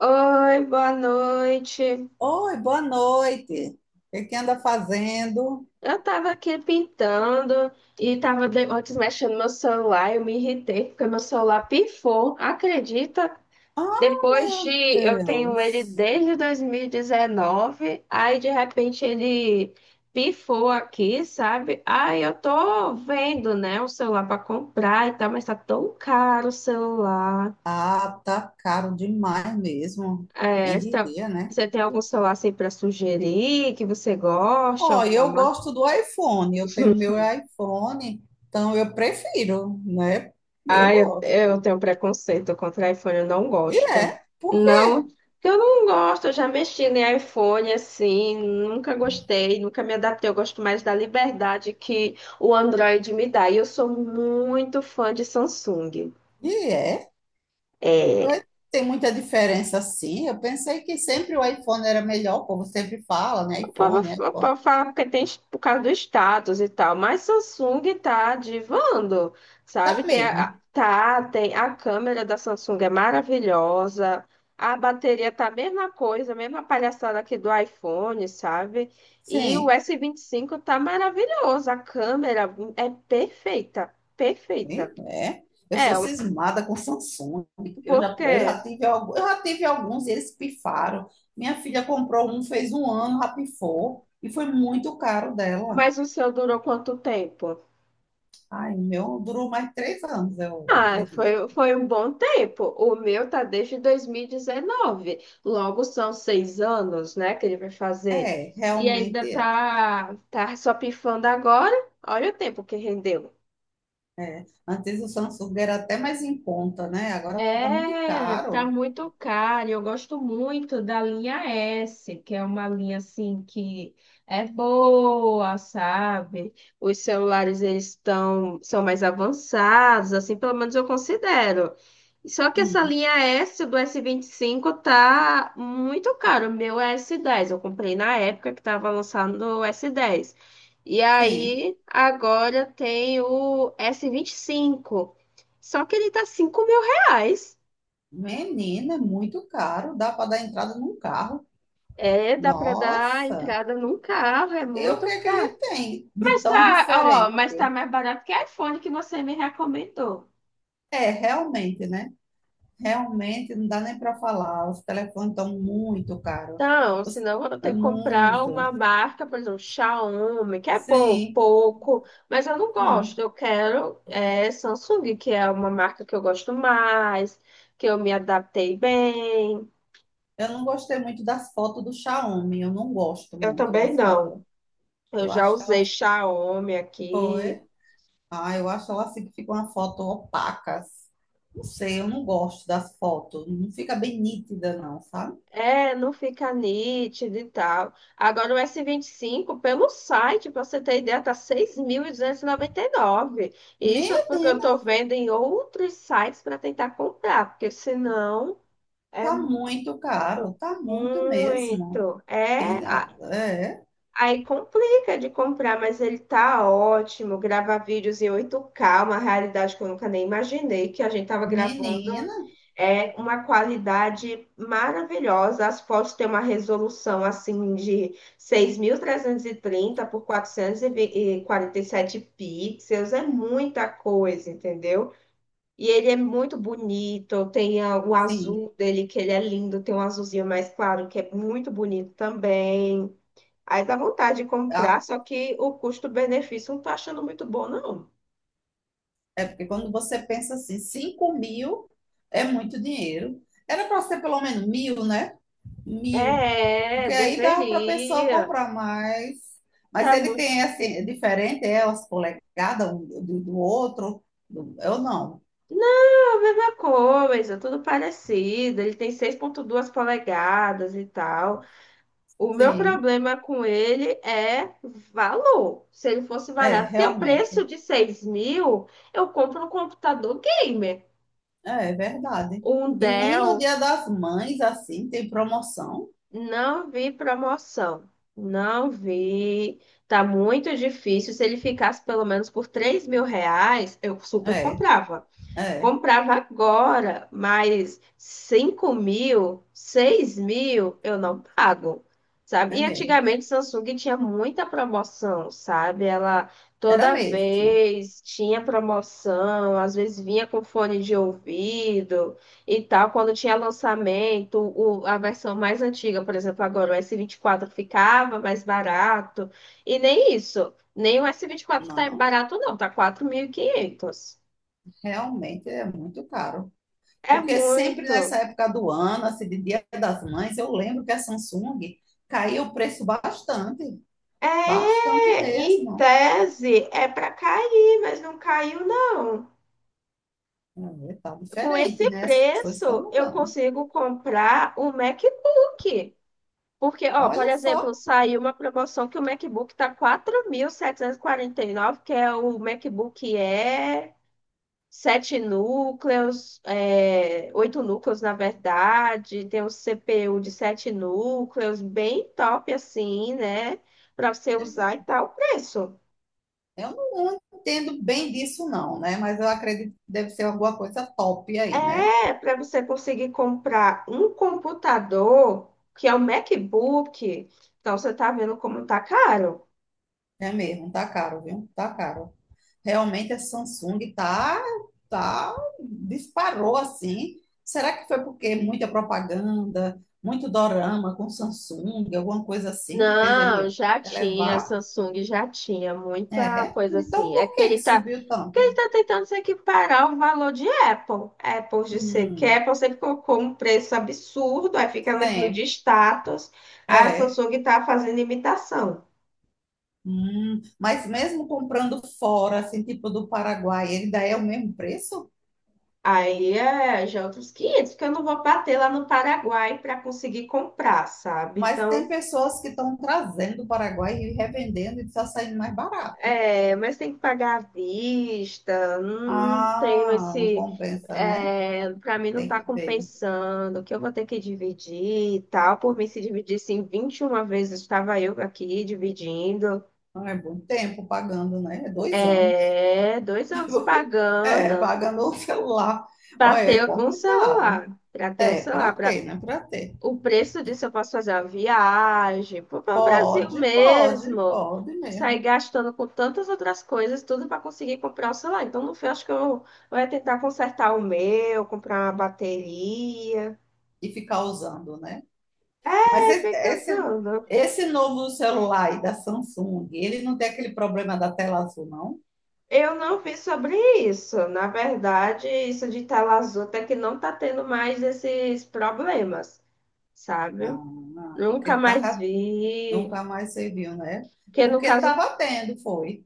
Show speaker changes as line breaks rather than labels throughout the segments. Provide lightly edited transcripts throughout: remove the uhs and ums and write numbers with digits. Oi, boa noite.
Oi, boa noite. O que que anda fazendo?
Eu tava aqui pintando e tava antes mexendo no meu celular. Eu me irritei porque meu celular pifou. Acredita?
Ah,
Depois
meu
de eu tenho ele
Deus.
desde 2019, aí de repente ele pifou aqui, sabe? Aí eu tô vendo, né, um celular para comprar e tal, mas tá tão caro o celular.
Ah, tá caro demais mesmo.
É,
Quem diria, né?
você tem algum celular assim para sugerir que você goste,
Ó,
alguma
eu
marca?
gosto do iPhone. Eu tenho meu iPhone, então eu prefiro, né? Eu
Ah,
gosto.
eu tenho preconceito contra iPhone, eu não
E
gosto.
é, porque
Não, eu não gosto, eu já mexi em iPhone assim, nunca gostei, nunca me adaptei. Eu gosto mais da liberdade que o Android me dá. E eu sou muito fã de Samsung.
e é. Vai- Tem muita diferença, sim. Eu pensei que sempre o iPhone era melhor, o povo sempre fala, né?
O povo,
iPhone,
o
iPhone.
povo fala que tem por causa do status e tal, mas Samsung tá divando,
Tá
sabe? Tem
mesmo.
a câmera da Samsung é maravilhosa, a bateria tá a mesma coisa, a mesma palhaçada aqui do iPhone, sabe? E o
Sim.
S25 tá maravilhoso, a câmera é perfeita, perfeita.
Ih, é. Eu
É,
sou cismada com Samsung.
porque,
Eu já tive alguns e eles pifaram. Minha filha comprou um, fez 1 ano, rapifou. E foi muito caro dela.
mas o seu durou quanto tempo?
Ai, o meu durou mais 3 anos, eu
Ah,
acredito.
foi um bom tempo. O meu tá desde 2019. Logo são 6 anos, né, que ele vai fazer.
É,
E ainda
realmente é.
tá só pifando agora. Olha o tempo que rendeu.
É. Antes o Samsung era até mais em conta, né? Agora tá muito
É, tá
caro.
muito caro. Eu gosto muito da linha S, que é uma linha assim que é boa, sabe? Os celulares eles estão são mais avançados, assim, pelo menos eu considero. Só que essa
Hum,
linha S do S25 tá muito caro. O meu é S10, eu comprei na época que tava lançando o S10. E
sim.
aí agora tem o S25. Só que ele tá R$ 5.
Menina, é muito caro. Dá para dar entrada num carro.
É, dá para dar
Nossa.
entrada num carro, é
E o que
muito
é que
caro.
ele tem de
Mas
tão
tá, ó,
diferente?
mas tá mais barato que iPhone que você me recomendou.
É, realmente, né? Realmente não dá nem para falar. Os telefones estão muito caros.
Então,
Os-
senão eu
É
tenho que comprar
muito.
uma marca, por exemplo, Xiaomi, que é bom,
Sim.
pouco, mas eu não gosto.
Hum.
Eu quero é, Samsung, que é uma marca que eu gosto mais, que eu me adaptei bem.
Eu não gostei muito das fotos do Xiaomi. Eu não gosto
Eu
muito
também
das
não.
fotos.
Eu
Eu
já
acho que
usei
ela
Xiaomi aqui,
foi. Ah, eu acho ela assim que fica uma foto opacas. Não sei, eu não gosto das fotos. Não fica bem nítida, não, sabe?
é, não fica nítido e tal. Agora o S25, pelo site, para você ter ideia, tá 6.299. E 99. E isso é porque eu
Menina,
estou vendo em outros sites para tentar comprar, porque senão é
tá muito caro. Tá muito mesmo.
muito.
Quem, ah, é,
Aí complica de comprar, mas ele tá ótimo. Grava vídeos em 8K, uma realidade que eu nunca nem imaginei que a gente tava gravando.
menina,
É uma qualidade maravilhosa. As fotos têm uma resolução assim de 6.330 por quatrocentos e quarenta e sete pixels. É muita coisa, entendeu? E ele é muito bonito. Tem o
sim.
azul dele, que ele é lindo. Tem um azulzinho mais claro, que é muito bonito também. Aí dá vontade de comprar, só que o custo-benefício não tá achando muito bom, não.
É porque quando você pensa assim, 5 mil é muito dinheiro. Era para ser pelo menos mil, né? Mil.
É,
Porque aí dava para a pessoa
deveria.
comprar mais. Mas
Tá
ele
muito.
tem assim, é diferente, é as polegadas um do, do outro. Eu não.
Não, a mesma coisa, tudo parecido. Ele tem 6,2 polegadas e tal. O meu
Sim,
problema com ele é valor. Se ele fosse
é,
barato, porque o preço
realmente.
de 6.000, eu compro um computador gamer.
É, é verdade.
Um
E nem no
Dell.
Dia das Mães, assim, tem promoção.
Não vi promoção. Não vi. Tá muito difícil. Se ele ficasse pelo menos por R$ 3.000, eu super
É,
comprava.
é,
Comprava agora, mas 5.000, 6.000 eu não pago, sabe?
é
E
mesmo.
antigamente Samsung tinha muita promoção, sabe? Ela
Era
toda
mesmo.
vez tinha promoção, às vezes vinha com fone de ouvido e tal. Quando tinha lançamento, a versão mais antiga, por exemplo, agora o S24 ficava mais barato. E nem isso, nem o S24 tá
Não,
barato, não, tá 4.500.
realmente é muito caro.
É
Porque sempre
muito.
nessa época do ano, assim, de Dia das Mães, eu lembro que a Samsung caiu o preço bastante,
É,
bastante
em
mesmo.
tese, é para cair, mas não caiu, não.
É, tá
Com
diferente,
esse
né? As coisas estão
preço, eu
mudando.
consigo comprar o MacBook. Porque, ó, por
Olha
exemplo,
só,
saiu uma promoção que o MacBook tá nove, que é o MacBook Air, 7 núcleos, é, 8 núcleos, na verdade, tem um CPU de 7 núcleos, bem top assim, né? Para você usar e tal, o preço.
eu não, entendo bem disso não, né? Mas eu acredito que deve ser alguma coisa top aí, né?
É, para você conseguir comprar um computador, que é o MacBook. Então, você tá vendo como tá caro.
É mesmo, tá caro, viu? Tá caro. Realmente a Samsung tá, disparou assim. Será que foi porque muita propaganda, muito dorama com Samsung, alguma coisa assim que fez
Não,
ele
já tinha, a
elevar?
Samsung já tinha muita
É.
coisa
Então
assim. É
por
que
que que
ele tá,
subiu
que ele
tanto?
tá tentando se equiparar ao valor de Apple. Apple, de ser que
Hum,
Apple sempre colocou um preço absurdo, aí fica naquilo de
sempre.
status. A
É.
Samsung tá fazendo imitação.
Mas mesmo comprando fora, assim, tipo do Paraguai, ele daí é o mesmo preço?
Aí já é outros 500, porque eu não vou bater lá no Paraguai para conseguir comprar, sabe?
Mas tem
Então,
pessoas que estão trazendo do Paraguai e revendendo e está saindo mais barato.
é, mas tem que pagar à vista, não tenho
Ah, não
esse.
compensa, né?
É, para mim não
Tem
tá
que ver.
compensando, que eu vou ter que dividir e tal. Por mim, se dividisse em 21 vezes, estava eu aqui dividindo.
Ah, é bom tempo pagando, né? É 2 anos.
É, 2 anos
É,
pagando
pagando o celular. Olha,
para
é
ter um
complicado.
celular, para ter um
É, para
celular.
ter, né? Para ter.
O preço disso eu posso fazer uma viagem, pô, para o Brasil
Pode, pode,
mesmo,
pode
sair
mesmo.
gastando com tantas outras coisas, tudo para conseguir comprar o celular. Então, no fim, eu acho que eu vou é tentar consertar o meu, comprar uma bateria.
E ficar usando, né? Mas
É, fica usando.
esse novo celular aí da Samsung, ele não tem aquele problema da tela azul, não?
Eu não vi sobre isso. Na verdade, isso de tela azul até que não tá tendo mais esses problemas, sabe?
Não, não, porque
Nunca
ele
mais
tava,
vi.
nunca mais serviu, né?
Que no
Porque
caso,
estava tendo, foi.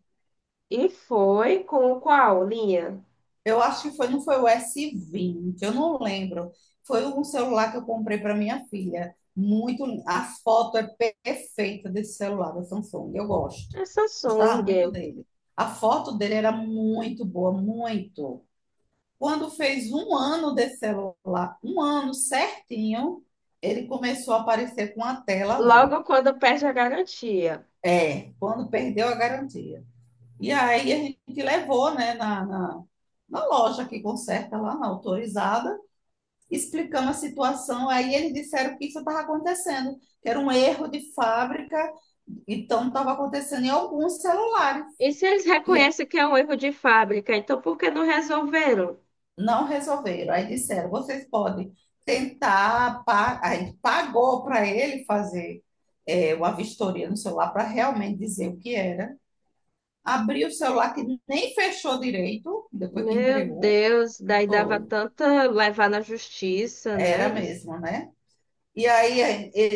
e foi com qual linha?
Eu acho que foi, não foi o S20, eu não lembro. Foi um celular que eu comprei para minha filha. Muito, a foto é perfeita desse celular da Samsung. Eu gosto.
É
Gostava muito
Samsung.
dele. A foto dele era muito boa, muito. Quando fez 1 ano desse celular, 1 ano certinho, ele começou a aparecer com a tela azul.
Logo quando perde a garantia.
É, quando perdeu a garantia. E aí a gente levou, né, na loja que conserta lá, na autorizada, explicando a situação. Aí eles disseram que isso estava acontecendo, que era um erro de fábrica, então estava acontecendo em alguns celulares.
E se eles
E
reconhecem que é um erro de fábrica, então por que não resolveram?
não resolveram. Aí disseram: vocês podem Aí pagou para ele fazer uma vistoria no celular para realmente dizer o que era. Abriu o celular que nem fechou direito, depois que
Meu
entregou.
Deus, daí dava
Foi.
tanta levar na justiça, né?
Era mesmo, né? E aí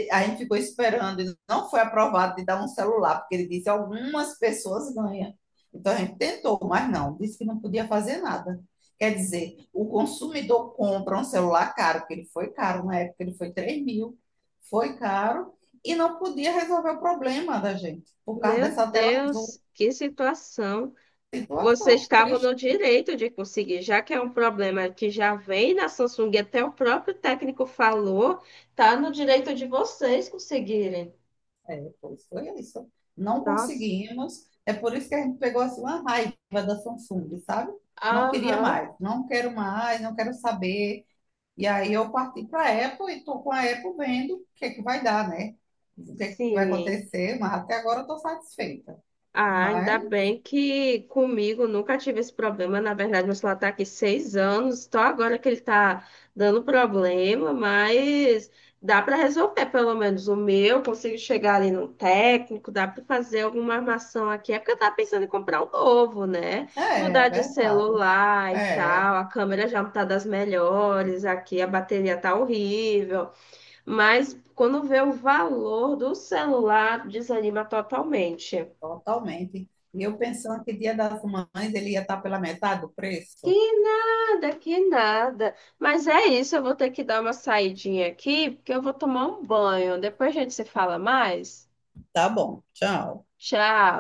a gente ficou esperando, e não foi aprovado de dar um celular, porque ele disse algumas pessoas ganham. Então a gente tentou, mas não, disse que não podia fazer nada. Quer dizer, o consumidor compra um celular caro, porque ele foi caro na época, ele foi 3 mil, foi caro, e não podia resolver o problema da gente, por causa
Meu
dessa tela
Deus,
azul.
que situação. Vocês
Situação
estavam no
triste.
direito de conseguir, já que é um problema que já vem na Samsung, e até o próprio técnico falou, tá no direito de vocês conseguirem.
É, pois foi isso. Não
Nossa.
conseguimos. É por isso que a gente pegou assim, uma raiva da Samsung, sabe? Não queria
Aham,
mais, não quero saber. E aí eu parti para a Apple e estou com a Apple vendo o que é que vai dar, né? O que é que vai
sim.
acontecer, mas até agora eu estou satisfeita.
Ah, ainda
Mas
bem que comigo nunca tive esse problema. Na verdade, meu celular está aqui 6 anos, só agora que ele está dando problema, mas dá para resolver pelo menos o meu. Consigo chegar ali no técnico, dá para fazer alguma armação aqui. É porque eu estava pensando em comprar um novo, né?
é,
Mudar
é
de
verdade.
celular e
É,
tal. A câmera já não está das melhores aqui, a bateria tá horrível. Mas quando vê o valor do celular, desanima totalmente.
totalmente. E eu pensando que Dia das Mães ele ia estar pela metade do
Que
preço.
nada, que nada. Mas é isso, eu vou ter que dar uma saidinha aqui, porque eu vou tomar um banho. Depois a gente se fala mais.
Tá bom, tchau.
Tchau.